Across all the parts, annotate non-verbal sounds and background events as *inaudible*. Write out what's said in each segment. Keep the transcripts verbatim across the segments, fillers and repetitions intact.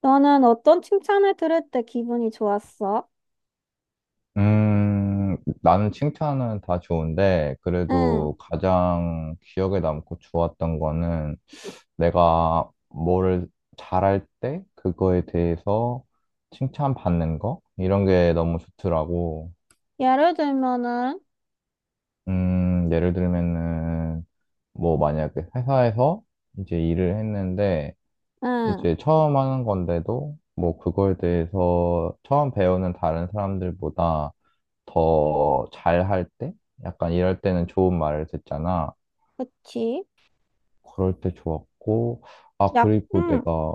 너는 어떤 칭찬을 들을 때 기분이 좋았어? 음, 나는 칭찬은 다 좋은데, 응. 그래도 가장 기억에 남고 좋았던 거는 내가 뭐를 잘할 때 그거에 대해서 칭찬받는 거? 이런 게 너무 좋더라고. 예를 들면은, 음, 예를 들면은, 뭐 만약에 회사에서 이제 일을 했는데, 응. 이제 처음 하는 건데도, 뭐 그거에 대해서 처음 배우는 다른 사람들보다 더 잘할 때? 약간 이럴 때는 좋은 말을 듣잖아. 그치. 그럴 때 좋았고, 아, 약, 그리고 응, 내가,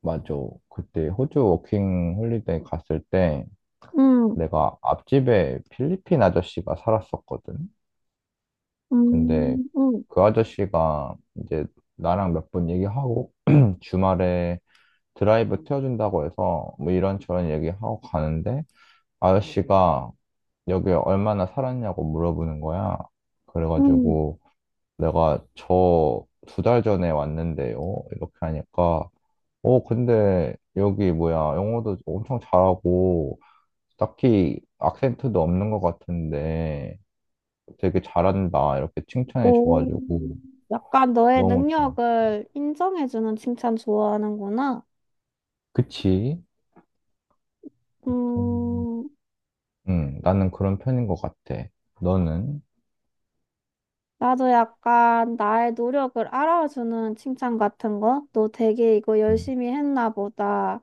맞아. 그때 호주 워킹 홀리데이 갔을 때 응, 내가 앞집에 필리핀 아저씨가 살았었거든. 근데 음, 응, 그 아저씨가 이제 나랑 몇 번 얘기하고 *clears throat* 주말에 드라이브 태워준다고 해서 뭐 이런저런 얘기하고 가는데 아저씨가 여기 얼마나 살았냐고 물어보는 거야. 응. 그래가지고 내가 저 두 달 전에 왔는데요. 이렇게 하니까, 어, 근데 여기 뭐야, 영어도 엄청 잘하고, 딱히 악센트도 없는 것 같은데 되게 잘한다. 이렇게 칭찬해 오. 줘가지고 약간 너의 너무 좋아. 능력을 인정해주는 칭찬 좋아하는구나. 그치? 음. 음, 음, 나는 그런 편인 것 같아. 너는? 나도 약간 나의 노력을 알아주는 칭찬 같은 거? 너 되게 이거 음. 열심히 했나 보다.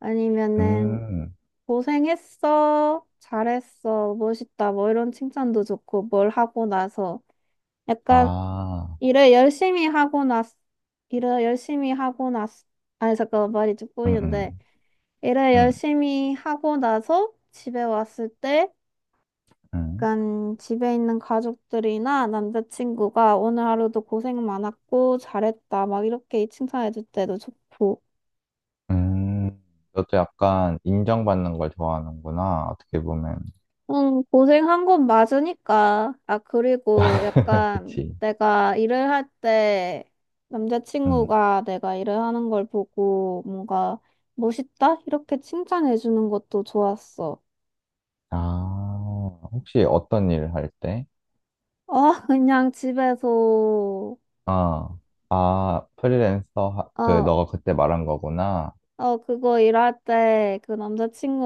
아니면은, 음. 고생했어. 잘했어. 멋있다. 뭐 이런 칭찬도 좋고, 뭘 하고 나서. 약간, 아. 일을 열심히 하고 났, 일을 열심히 하고 났, 아니, 잠깐만, 말이 좀 음. 꼬이는데. 음. 일을 음. 열심히 하고 나서 집에 왔을 때, 음. 약간 집에 있는 가족들이나 남자친구가 오늘 하루도 고생 많았고, 잘했다. 막 이렇게 칭찬해줄 때도 좋고. 음. 너도 약간 인정받는 걸 좋아하는구나. 어떻게 보면. 응, 고생한 건 맞으니까. 아, 그리고 *laughs* 약간 그치. 내가 일을 할 때 음. 남자친구가 내가 일을 하는 걸 보고 뭔가 멋있다? 이렇게 칭찬해 주는 것도 좋았어. 아, 혹시 어떤 일을 할 때? 어, *laughs* 그냥 집에서, 아. 아, 프리랜서, 하- 그, 어, 너가 그때 말한 거구나. 어, 그거 일할 때 그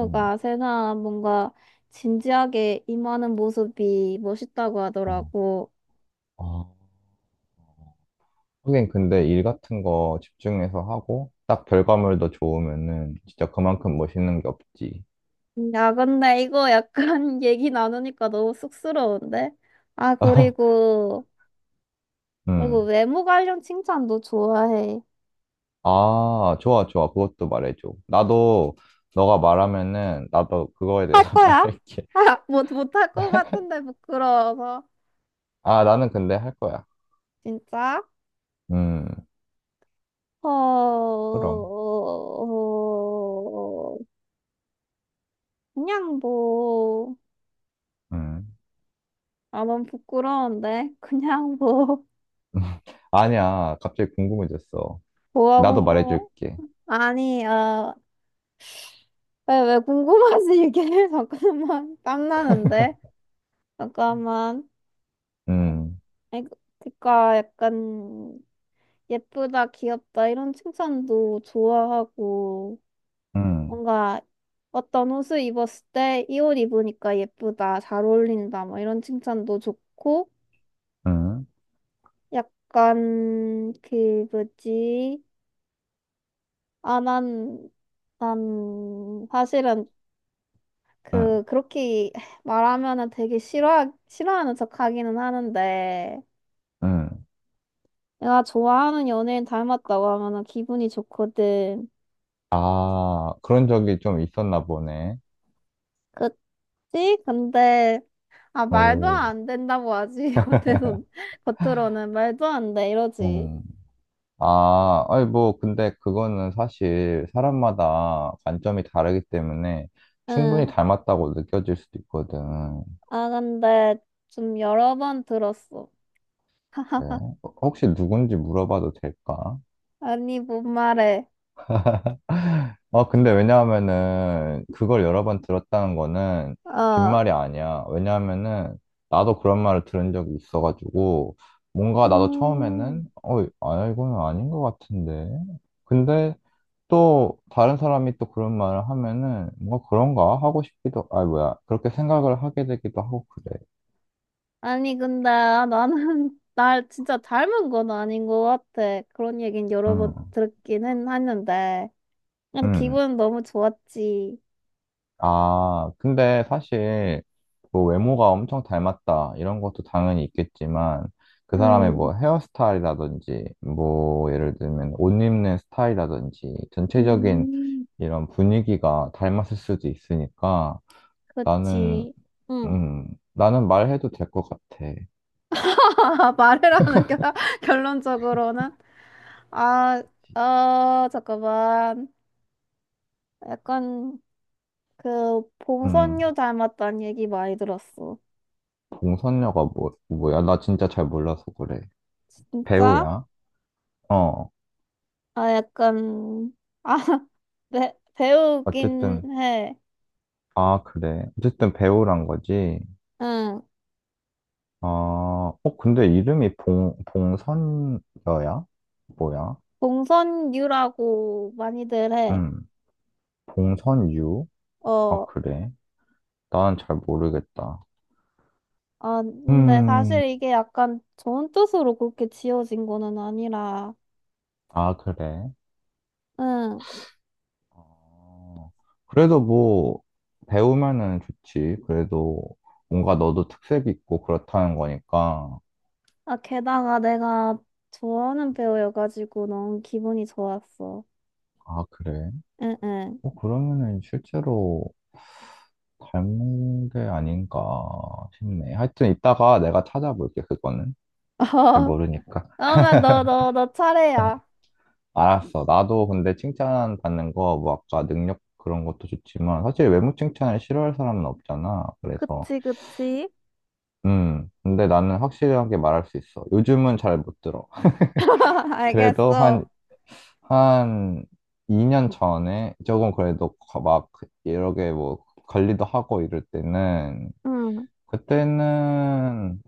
음. 세상 뭔가 진지하게 임하는 모습이 멋있다고 어. 하더라고. 아, 하긴 근데 일 같은 거 집중해서 하고, 딱 결과물도 좋으면은 진짜 그만큼 멋있는 게 없지. 야, 근데 이거 약간 *laughs* 얘기 나누니까 너무 쑥스러운데? 아, *laughs* 그리고, 그리고 음. 외모 관련 칭찬도 좋아해. 아, 좋아, 좋아. 그것도 말해줘. 나도, 너가 말하면은, 나도 그거에 할 대해서 *laughs* 거야? 말할게. *laughs* 아, 못, 못할 것 같은데, 부끄러워서. 아, 나는 근데 할 거야. 진짜? 음. 어, 그럼. 어, 그냥 뭐, 음. 아, 넌 부끄러운데? *laughs* 그냥 뭐, *laughs* 아니야. 갑자기 궁금해졌어. 뭐가 나도 궁금해? 말해줄게. 아니, 어, 왜, 왜 궁금하지, 이게? *laughs* 잠깐만, 땀나는데? 잠깐만. 음. 아니, 그, 그니까 약간 예쁘다, 귀엽다 이런 칭찬도 좋아하고 음. 뭔가 어떤 옷을 입었을 때 이 옷 입으니까 예쁘다, 잘 어울린다 뭐 이런 칭찬도 좋고 음. 약간 그 뭐지? 아, 난, 난 사실은 음. 그 그렇게 말하면은 되게 싫어 싫어하는 척하기는 하는데 음. 내가 좋아하는 연예인 닮았다고 하면은 기분이 좋거든. 아, 그런 적이 좀 있었나 보네. 그 지 근데 아 말도 오. 안 된다고 하지 *laughs* 겉에선 겉으로는 말도 안 돼 이러지 음. 아, 아니, 뭐, 근데 그거는 사실 사람마다 관점이 다르기 때문에 응 충분히 닮았다고 느껴질 수도 있거든. 아 근데 좀 여러 번 들었어 네. *laughs* 혹시 누군지 물어봐도 될까? 아니 뭔 말해 아, 근데 왜냐하면은 그걸 여러 번 들었다는 거는 어 빈말이 아니야. 왜냐하면은 나도 그런 말을 들은 적이 있어가지고 뭔가 나도 음, 처음에는 어, 아, 이건 아닌 것 같은데. 근데 또 다른 사람이 또 그런 말을 하면은 뭔가 그런가 하고 싶기도, 아, 뭐야. 그렇게 생각을 하게 되기도 하고 그래. 아니 근데 아, 나는 *laughs* 날 진짜 닮은 건 아닌 것 같아 그런 얘긴 여러 번 응, 듣긴 했- 했는데 그래도 응. 기분은 너무 좋았지 아, 근데 사실 뭐 외모가 엄청 닮았다 이런 것도 당연히 있겠지만 그 사람의 음, 뭐 헤어스타일이라든지 뭐 예를 들면 옷 입는 스타일이라든지 전체적인 음, 이런 분위기가 닮았을 수도 있으니까 나는 그치 응. 음 나는 말해도 될 것 같아. *laughs* 말을 하는 결, 결론적으로는 아, 어.. 잠깐만. 약간 그 음. 봉선유 닮았다는 얘기 많이 들었어. 봉선녀가 뭐 뭐야? 나 진짜 잘 몰라서 그래. 진짜? 배우야? 어. 아, 약간 아, *laughs* 배, 배우긴 어쨌든 해. 아 그래 어쨌든 배우란 거지. 응. 아, 어, 근데 이름이 봉, 봉선여야? 뭐야? 봉선유라고 많이들 해. 음. 봉선유? 아, 어, 그래. 난 잘 모르겠다. 아, 근데 음. 사실 이게 약간 좋은 뜻으로 그렇게 지어진 거는 아니라. 아, 그래. 응. 어, 그래도 뭐, 배우면은 좋지. 그래도 뭔가 너도 특색 있고 그렇다는 거니까. 아, 게다가 내가 좋아하는 배우여가지고 너무 기분이 좋았어. 아, 그래. 응, 응. 어, 그러면은 실제로 닮은 게 아닌가 싶네. 하여튼 이따가 내가 찾아볼게, 그거는. *laughs* 잘 어, 모르니까. 그러면 너, 너, 너 차례야. 알았어. 나도 근데 칭찬 받는 거, 뭐 아까 능력 그런 것도 좋지만, 사실 외모 칭찬을 싫어할 사람은 없잖아. 그래서, 그치, 그치. 음, 근데 나는 확실하게 말할 수 있어. 요즘은 잘 못 들어. *laughs* *laughs* 그래도 알겠어. 한, 한 이 년 전에 조금 그래도 거- 막, 이렇게 뭐, 관리도 하고 이럴 때는, 응. 그때는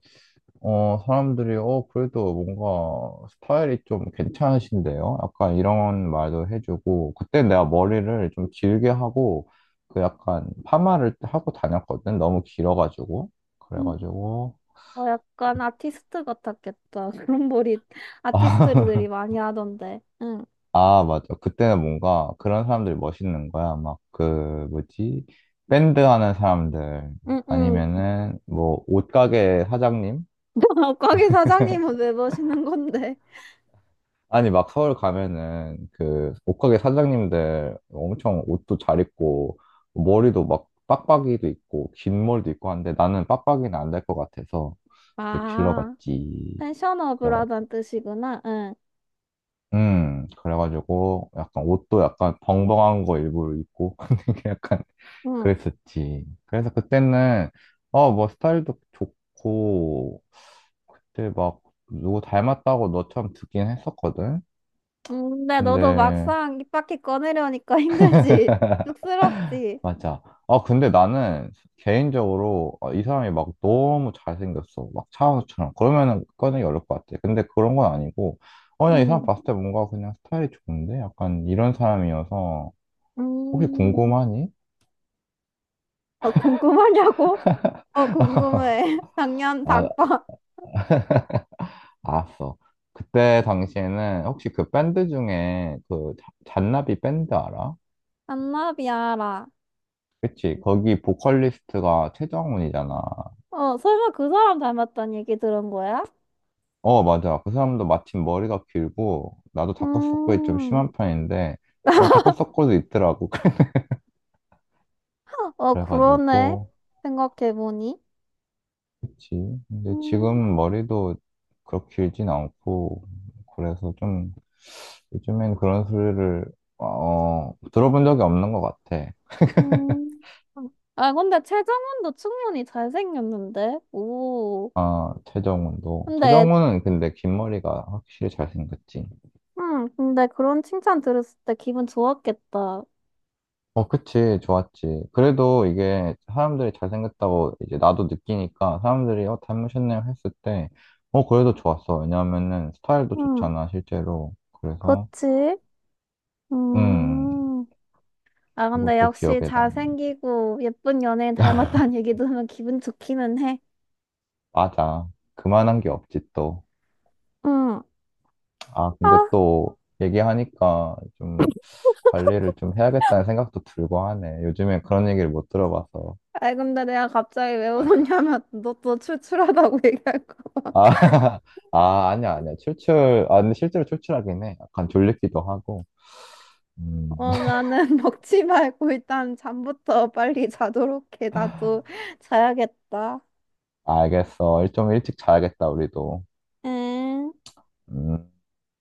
어, 사람들이, 어, 그래도 뭔가 스타일이 좀 괜찮으신데요? 약간 이런 말도 해주고, 그때 내가 머리를 좀 길게 하고, 그 약간 파마를 하고 다녔거든? 너무 길어가지고. 음, 그래가지고, 어, 그, 약간 아티스트 같았겠다. *laughs* 그런 머리 *laughs* 아, 아티스트들이 많이 하던데. 응, 아, 맞아. 그때는 뭔가 그런 사람들이 멋있는 거야. 막 그, 뭐지? 밴드 하는 사람들. 응, 응. 아니면은, 뭐, 옷가게 사장님? *laughs* 거기 사장님은 왜 보시는 건데? 아니, 막 서울 가면은 그 옷가게 사장님들 엄청 옷도 잘 입고 머리도 막 빡빡이도 있고 긴 머리도 있고 한데 나는 빡빡이는 안 될 것 같아서 이제 아, 길러봤지. 펜션업을 하단 그래가지고. 뜻이구나. 응. 음, 그래가지고 약간 옷도 약간 벙벙한 거 일부러 입고 *laughs* 되게 약간 응. 그랬었지. 그래서 그때는 어, 뭐 스타일도 좋고 그때 막 누구 닮았다고 너처럼 듣긴 했었거든. 음, 근데 너도 근데 막상 입 밖에 꺼내려니까 *laughs* 힘들지. 쑥스럽지. 맞아. 아, 근데 나는 개인적으로 아, 이 사람이 막 너무 잘생겼어. 막 차은우처럼. 그러면은 꺼내기 어려울 것 같아. 근데 그런 건 아니고, 어, 그냥 이 사람 음, 봤을 때 뭔가 그냥 스타일이 좋은데? 약간 이런 사람이어서, 혹시 음. 궁금하니? 어, 궁금하냐고? 어, *laughs* 궁금해. *laughs* 작년 아, 닭발. 알았어. 그때 당시에는 혹시 그 밴드 중에 그 잔- 잔나비 밴드 알아? 안나비아라. 그치? 거기 보컬리스트가 최정훈이잖아. 어, 설마 그 사람 닮았다는 얘기 들은 거야? 어, 맞아. 그 사람도 마침 머리가 길고, 나도 다크서클이 좀 음, 심한 편인데, 어, 다크서클도 있더라고. *laughs* 어, 그러네. 그래가지고, 생각해보니. 그치. 근데 음, 지금 머리도 그렇게 길진 않고, 그래서 좀, 요즘엔 그런 소리를, 어, 들어본 적이 없는 것 같아. 음. 아, 근데 최정원도 충분히 잘생겼는데? 오. 아, 최정훈도. 근데, 최정훈은 근데 긴 머리가 확실히 잘생겼지. 음, 근데 그런 칭찬 들었을 때 기분 좋았겠다. 어, 그치, 좋았지. 그래도 이게 사람들이 잘생겼다고 이제 나도 느끼니까 사람들이 어, 닮으셨네요 했을 때, 어, 그래도 좋았어. 왜냐면은 스타일도 응, 좋잖아, 실제로. 그래서, 그치? 음, 음. 아, 근데 그것도 역시 기억에 남. 잘생기고 예쁜 연예인 닮았다는 *laughs* 얘기 들으면 기분 좋기는 해. 맞아. 그만한 게 없지, 또. 응. 아, 근데 아, 또 얘기하니까 좀 관리를 좀 해야겠다는 생각도 들고 하네. 요즘에 그런 얘기를 못 들어봐서. 아이, 근데 내가 갑자기 왜 웃었냐면 *laughs* 너 또 출출하다고 *laughs* 얘기할까 봐. 아, *laughs* 아, 아니야, 아니야. 출출, 아, 근데 실제로 출출하긴 해. 약간 졸리기도 하고. 음. 어, 나는 *laughs* 먹지 말고 일단 잠부터 빨리 자도록 해. 나도 *laughs* 자야겠다. 알겠어. 일 좀 일찍 자야겠다, 우리도. 응. 음.